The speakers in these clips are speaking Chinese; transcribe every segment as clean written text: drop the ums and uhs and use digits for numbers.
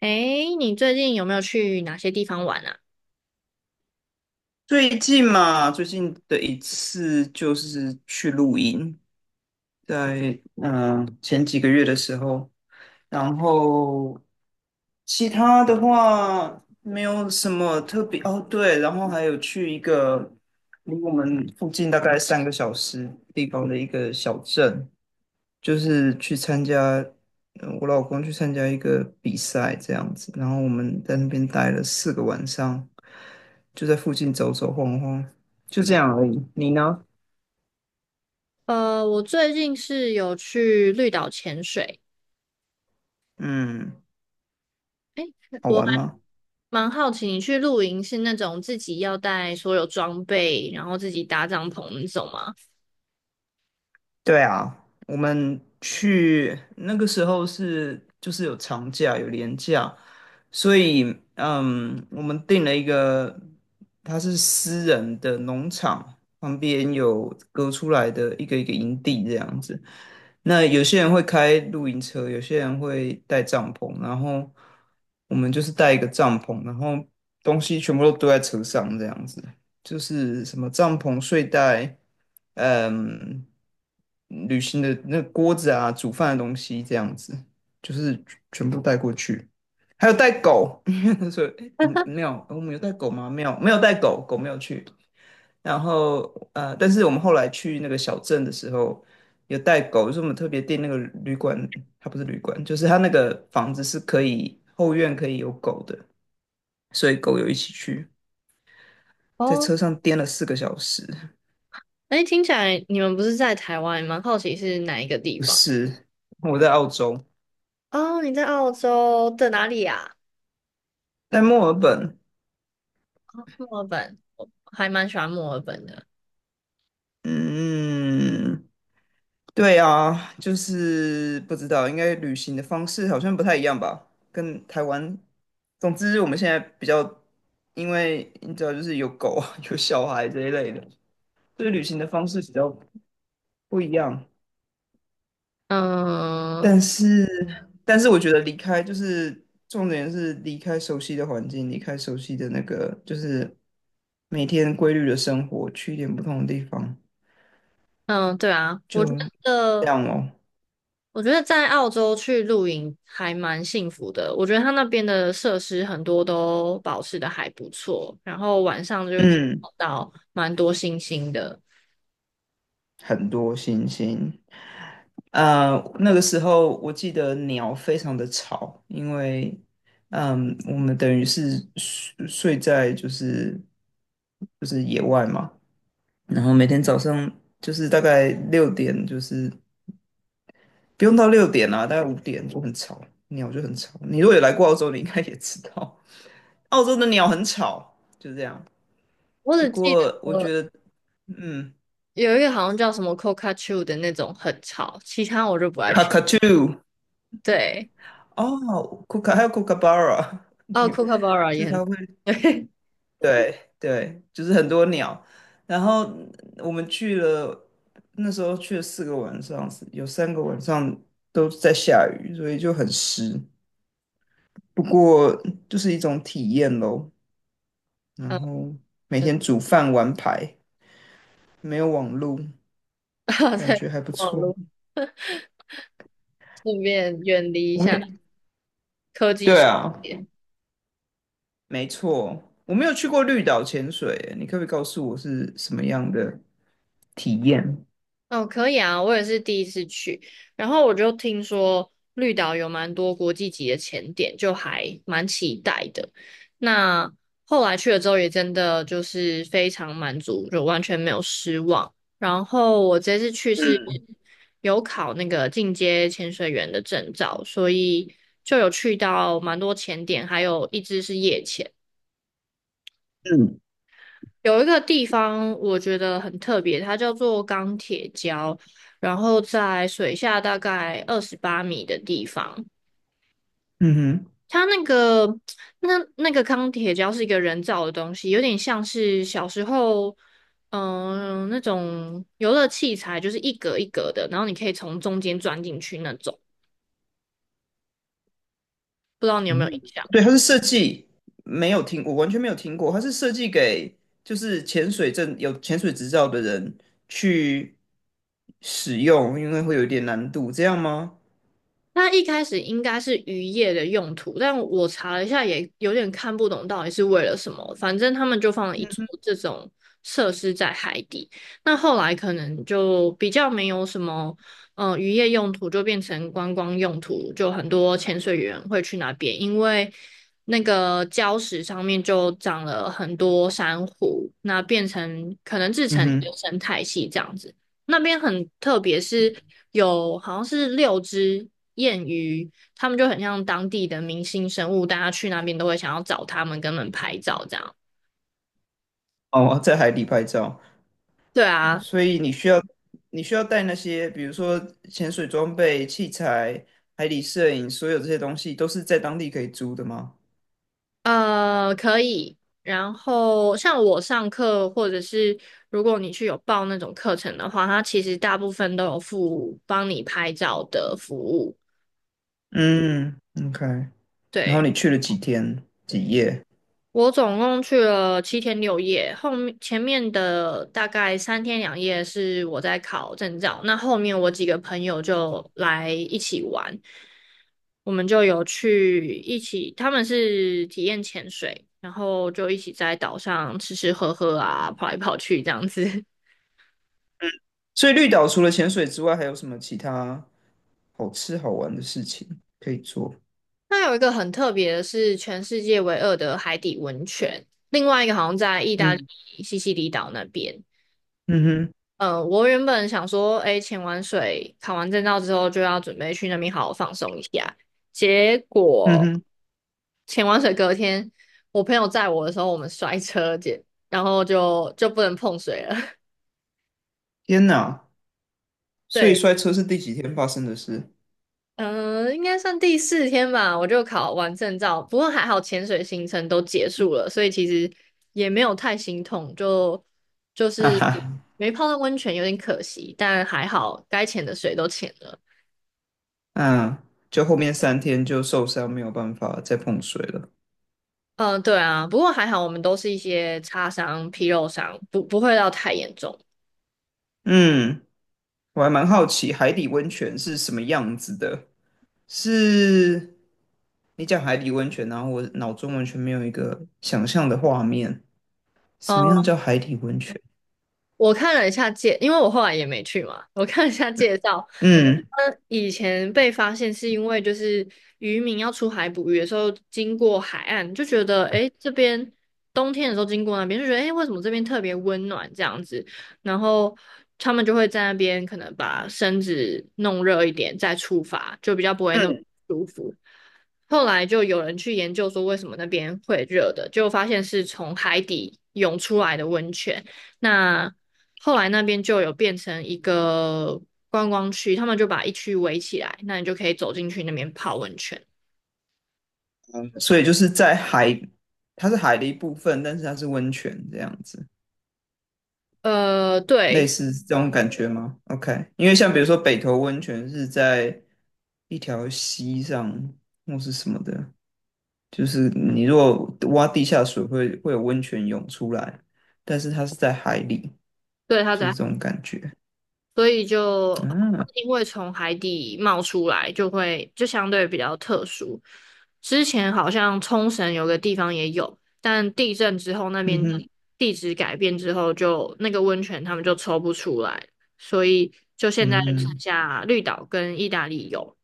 诶，你最近有没有去哪些地方玩啊？最近嘛，最近的一次就是去露营，在前几个月的时候，然后其他的话没有什么特别哦，对，然后还有去一个离我们附近大概3个小时地方的一个小镇，就是去参加，我老公去参加一个比赛这样子，然后我们在那边待了四个晚上，就在附近走走晃晃，就这样而已。你呢？我最近是有去绿岛潜水。嗯，好我玩还吗？蛮好奇，你去露营是那种自己要带所有装备，然后自己搭帐篷那种吗？对啊，我们去那个时候就是有长假有连假，所以我们订了一个，它是私人的农场，旁边有隔出来的一个一个营地这样子。那有些人会开露营车，有些人会带帐篷，然后我们就是带一个帐篷，然后东西全部都堆在车上这样子。就是什么帐篷、睡袋，嗯，旅行的那个锅子啊，煮饭的东西这样子，就是全部带过去。还有带狗，所以我们没 有，我们有带狗吗？没有，没有带狗，狗没有去。然后但是我们后来去那个小镇的时候，有带狗，就是我们特别订那个旅馆，它不是旅馆，就是它那个房子是可以后院可以有狗的，所以狗有一起去，在哦，车上颠了4个小时。诶，听起来你们不是在台湾，蛮好奇是哪一个地不方？是，我在澳洲，哦，你在澳洲的哪里啊？在墨尔本。墨尔本，我还蛮喜欢墨尔本的。嗯，对啊，就是不知道，应该旅行的方式好像不太一样吧，跟台湾。总之，我们现在比较，因为你知道，就是有狗啊，有小孩这一类的，所以旅行的方式比较不一样。嗯但是，但是我觉得离开就是重点是离开熟悉的环境，离开熟悉的那个，就是每天规律的生活，去一点不同的地方。嗯，对啊，我就觉这得。样哦。我觉得在澳洲去露营还蛮幸福的。我觉得它那边的设施很多都保持的还不错，然后晚上就可以嗯，看到蛮多星星的。很多星星。呃，那个时候我记得鸟非常的吵，因为我们等于是睡在就是野外嘛，然后每天早上就是大概六点，就是不用到六点啊，大概5点就很吵，鸟就很吵。你如果有来过澳洲，你应该也知道，澳洲的鸟很吵，就这样。我不只记得过我觉得，嗯有一个好像叫什么 Cockatoo 的那种很吵，其他我就不爱去。，cockatoo。对，哦，Kooka 还有 k o o k a b u r a 你哦 Cocabara 就也是很 它会，对，对对，就是很多鸟。然后我们去了，那时候去了四个晚上，有3个晚上都在下雨，所以就很湿。不过就是一种体验咯。然嗯，后每就 天煮饭玩牌，没有网路，感在觉还不网错。络顺便远离一我们下也科技对世啊，界。没错，我没有去过绿岛潜水，你可不可以告诉我是什么样的体验？哦，可以啊，我也是第一次去，然后我就听说绿岛有蛮多国际级的潜点，就还蛮期待的。那后来去了之后，也真的就是非常满足，就完全没有失望。然后我这次去是嗯，有考那个进阶潜水员的证照，所以就有去到蛮多潜点，还有一只是夜潜。嗯，有一个地方我觉得很特别，它叫做钢铁礁，然后在水下大概28米的地方。嗯哼，它那个那那个钢铁礁是一个人造的东西，有点像是小时候那种游乐器材，就是一格一格的，然后你可以从中间钻进去那种，不知道你有没有印嗯，象？对，它是设计，没有听，我完全没有听过，它是设计给就是潜水证有潜水执照的人去使用，因为会有一点难度，这样吗？它一开始应该是渔业的用途，但我查了一下，也有点看不懂到底是为了什么。反正他们就放了一座这种设施在海底。那后来可能就比较没有什么，渔业用途就变成观光用途，就很多潜水员会去那边，因为那个礁石上面就长了很多珊瑚，那变成可能制嗯成一哼，个生态系这样子。那边很特别，是有好像是六只燕鱼，他们就很像当地的明星生物，大家去那边都会想要找他们，跟他们拍照这样。哦，在海底拍照，对啊，所以你需要带那些，比如说潜水装备、器材、海底摄影，所有这些东西都是在当地可以租的吗？可以。然后像我上课，或者是如果你去有报那种课程的话，它其实大部分都有附帮你拍照的服务。嗯，OK，然后对。你去了几天几夜？我总共去了7天6夜，后面前面的大概3天2夜是我在考证照，那后面我几个朋友就来一起玩，我们就有去一起，他们是体验潜水，然后就一起在岛上吃吃喝喝啊，跑来跑去这样子。所以绿岛除了潜水之外，还有什么其他好吃好玩的事情可以做？那有一个很特别的是全世界唯二的海底温泉，另外一个好像在意大利嗯，西西里岛那边。嗯哼，嗯，我原本想说，哎，潜完水、考完证照之后，就要准备去那边好好放松一下。结嗯果哼，潜完水隔天，我朋友载我的时候，我们摔车，姐，然后就不能碰水了。天哪！所以对，摔车是第几天发生的事？嗯、应该算第四天吧，我就考完证照，不过还好潜水行程都结束了，所以其实也没有太心痛，就就 哈是哈，没泡到温泉有点可惜，但还好该潜的水都潜了。嗯，就后面3天就受伤，没有办法再碰水了。嗯，对啊，不过还好，我们都是一些擦伤、皮肉伤，不会到太严重。嗯，我还蛮好奇海底温泉是什么样子的。是你讲海底温泉，然后我脑中完全没有一个想象的画面，什么样嗯。叫海底温泉？我看了一下介，因为我后来也没去嘛，我看了一下介绍。嗯。嗯，以前被发现是因为就是渔民要出海捕鱼的时候经过海岸，就觉得诶这边冬天的时候经过那边就觉得诶为什么这边特别温暖这样子，然后他们就会在那边可能把身子弄热一点再出发，就比较不会那么舒服。后来就有人去研究说为什么那边会热的，就发现是从海底涌出来的温泉。那后来那边就有变成一个观光区，他们就把一区围起来，那你就可以走进去那边泡温泉。所以就是在海，它是海的一部分，但是它是温泉这样子，类对，似这种感觉吗？OK，因为像比如说北投温泉是在一条溪上或是什么的，就是你如果挖地下水会有温泉涌出来，但是它是在海里，对，它就是在，这种感觉。所以就嗯、啊、因为从海底冒出来，就会就相对比较特殊。之前好像冲绳有个地方也有，但地震之后那嗯边的哼，地质改变之后就那个温泉他们就抽不出来，所以就现在就剩嗯，下绿岛跟意大利有。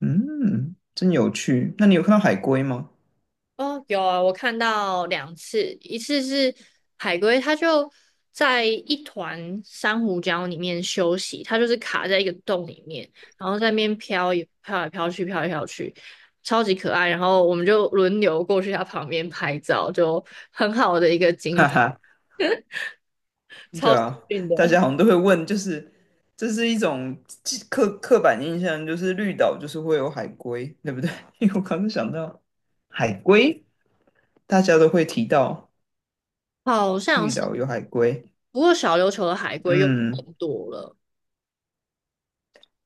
嗯，真有趣。那你有看到海龟吗？哦，有啊，我看到两次，一次是海龟，它就在一团珊瑚礁里面休息，它就是卡在一个洞里面，然后在那边飘也飘来飘去，飘来飘去，超级可爱。然后我们就轮流过去它旁边拍照，就很好的一个 景，哈哈。超对幸啊，运的。大家好像都会问，就是这是一种刻板印象，就是绿岛就是会有海龟，对不对？因为我刚刚想到海龟，大家都会提到好像绿是，岛有海龟。不过小琉球的海龟又嗯，更多了。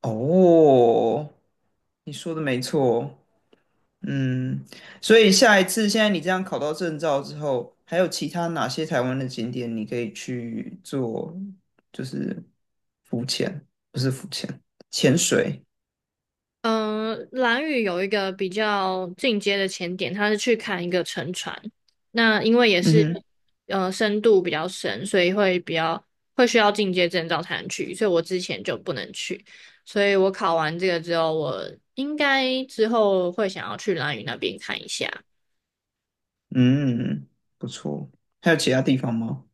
哦，你说的没错。嗯，所以下一次，现在你这样考到证照之后，还有其他哪些台湾的景点你可以去做，就是浮潜，不是浮潜，潜水？嗯，蓝屿有一个比较进阶的潜点，他是去看一个沉船。那因为也嗯是，哼，深度比较深，所以会比较会需要进阶证照才能去，所以我之前就不能去。所以我考完这个之后，我应该之后会想要去蓝屿那边看一下。嗯，不错。还有其他地方吗？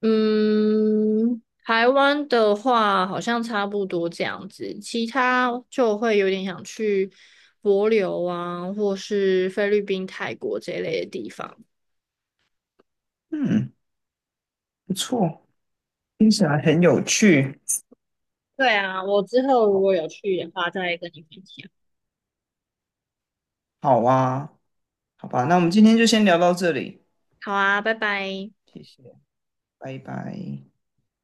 嗯，台湾的话好像差不多这样子，其他就会有点想去帛琉啊，或是菲律宾、泰国这一类的地方。嗯，不错，听起来很有趣。对啊，我之后如果有去的话，再跟你分享。好啊，好吧，那我们今天就先聊到这里，好啊，拜拜。谢谢，拜拜。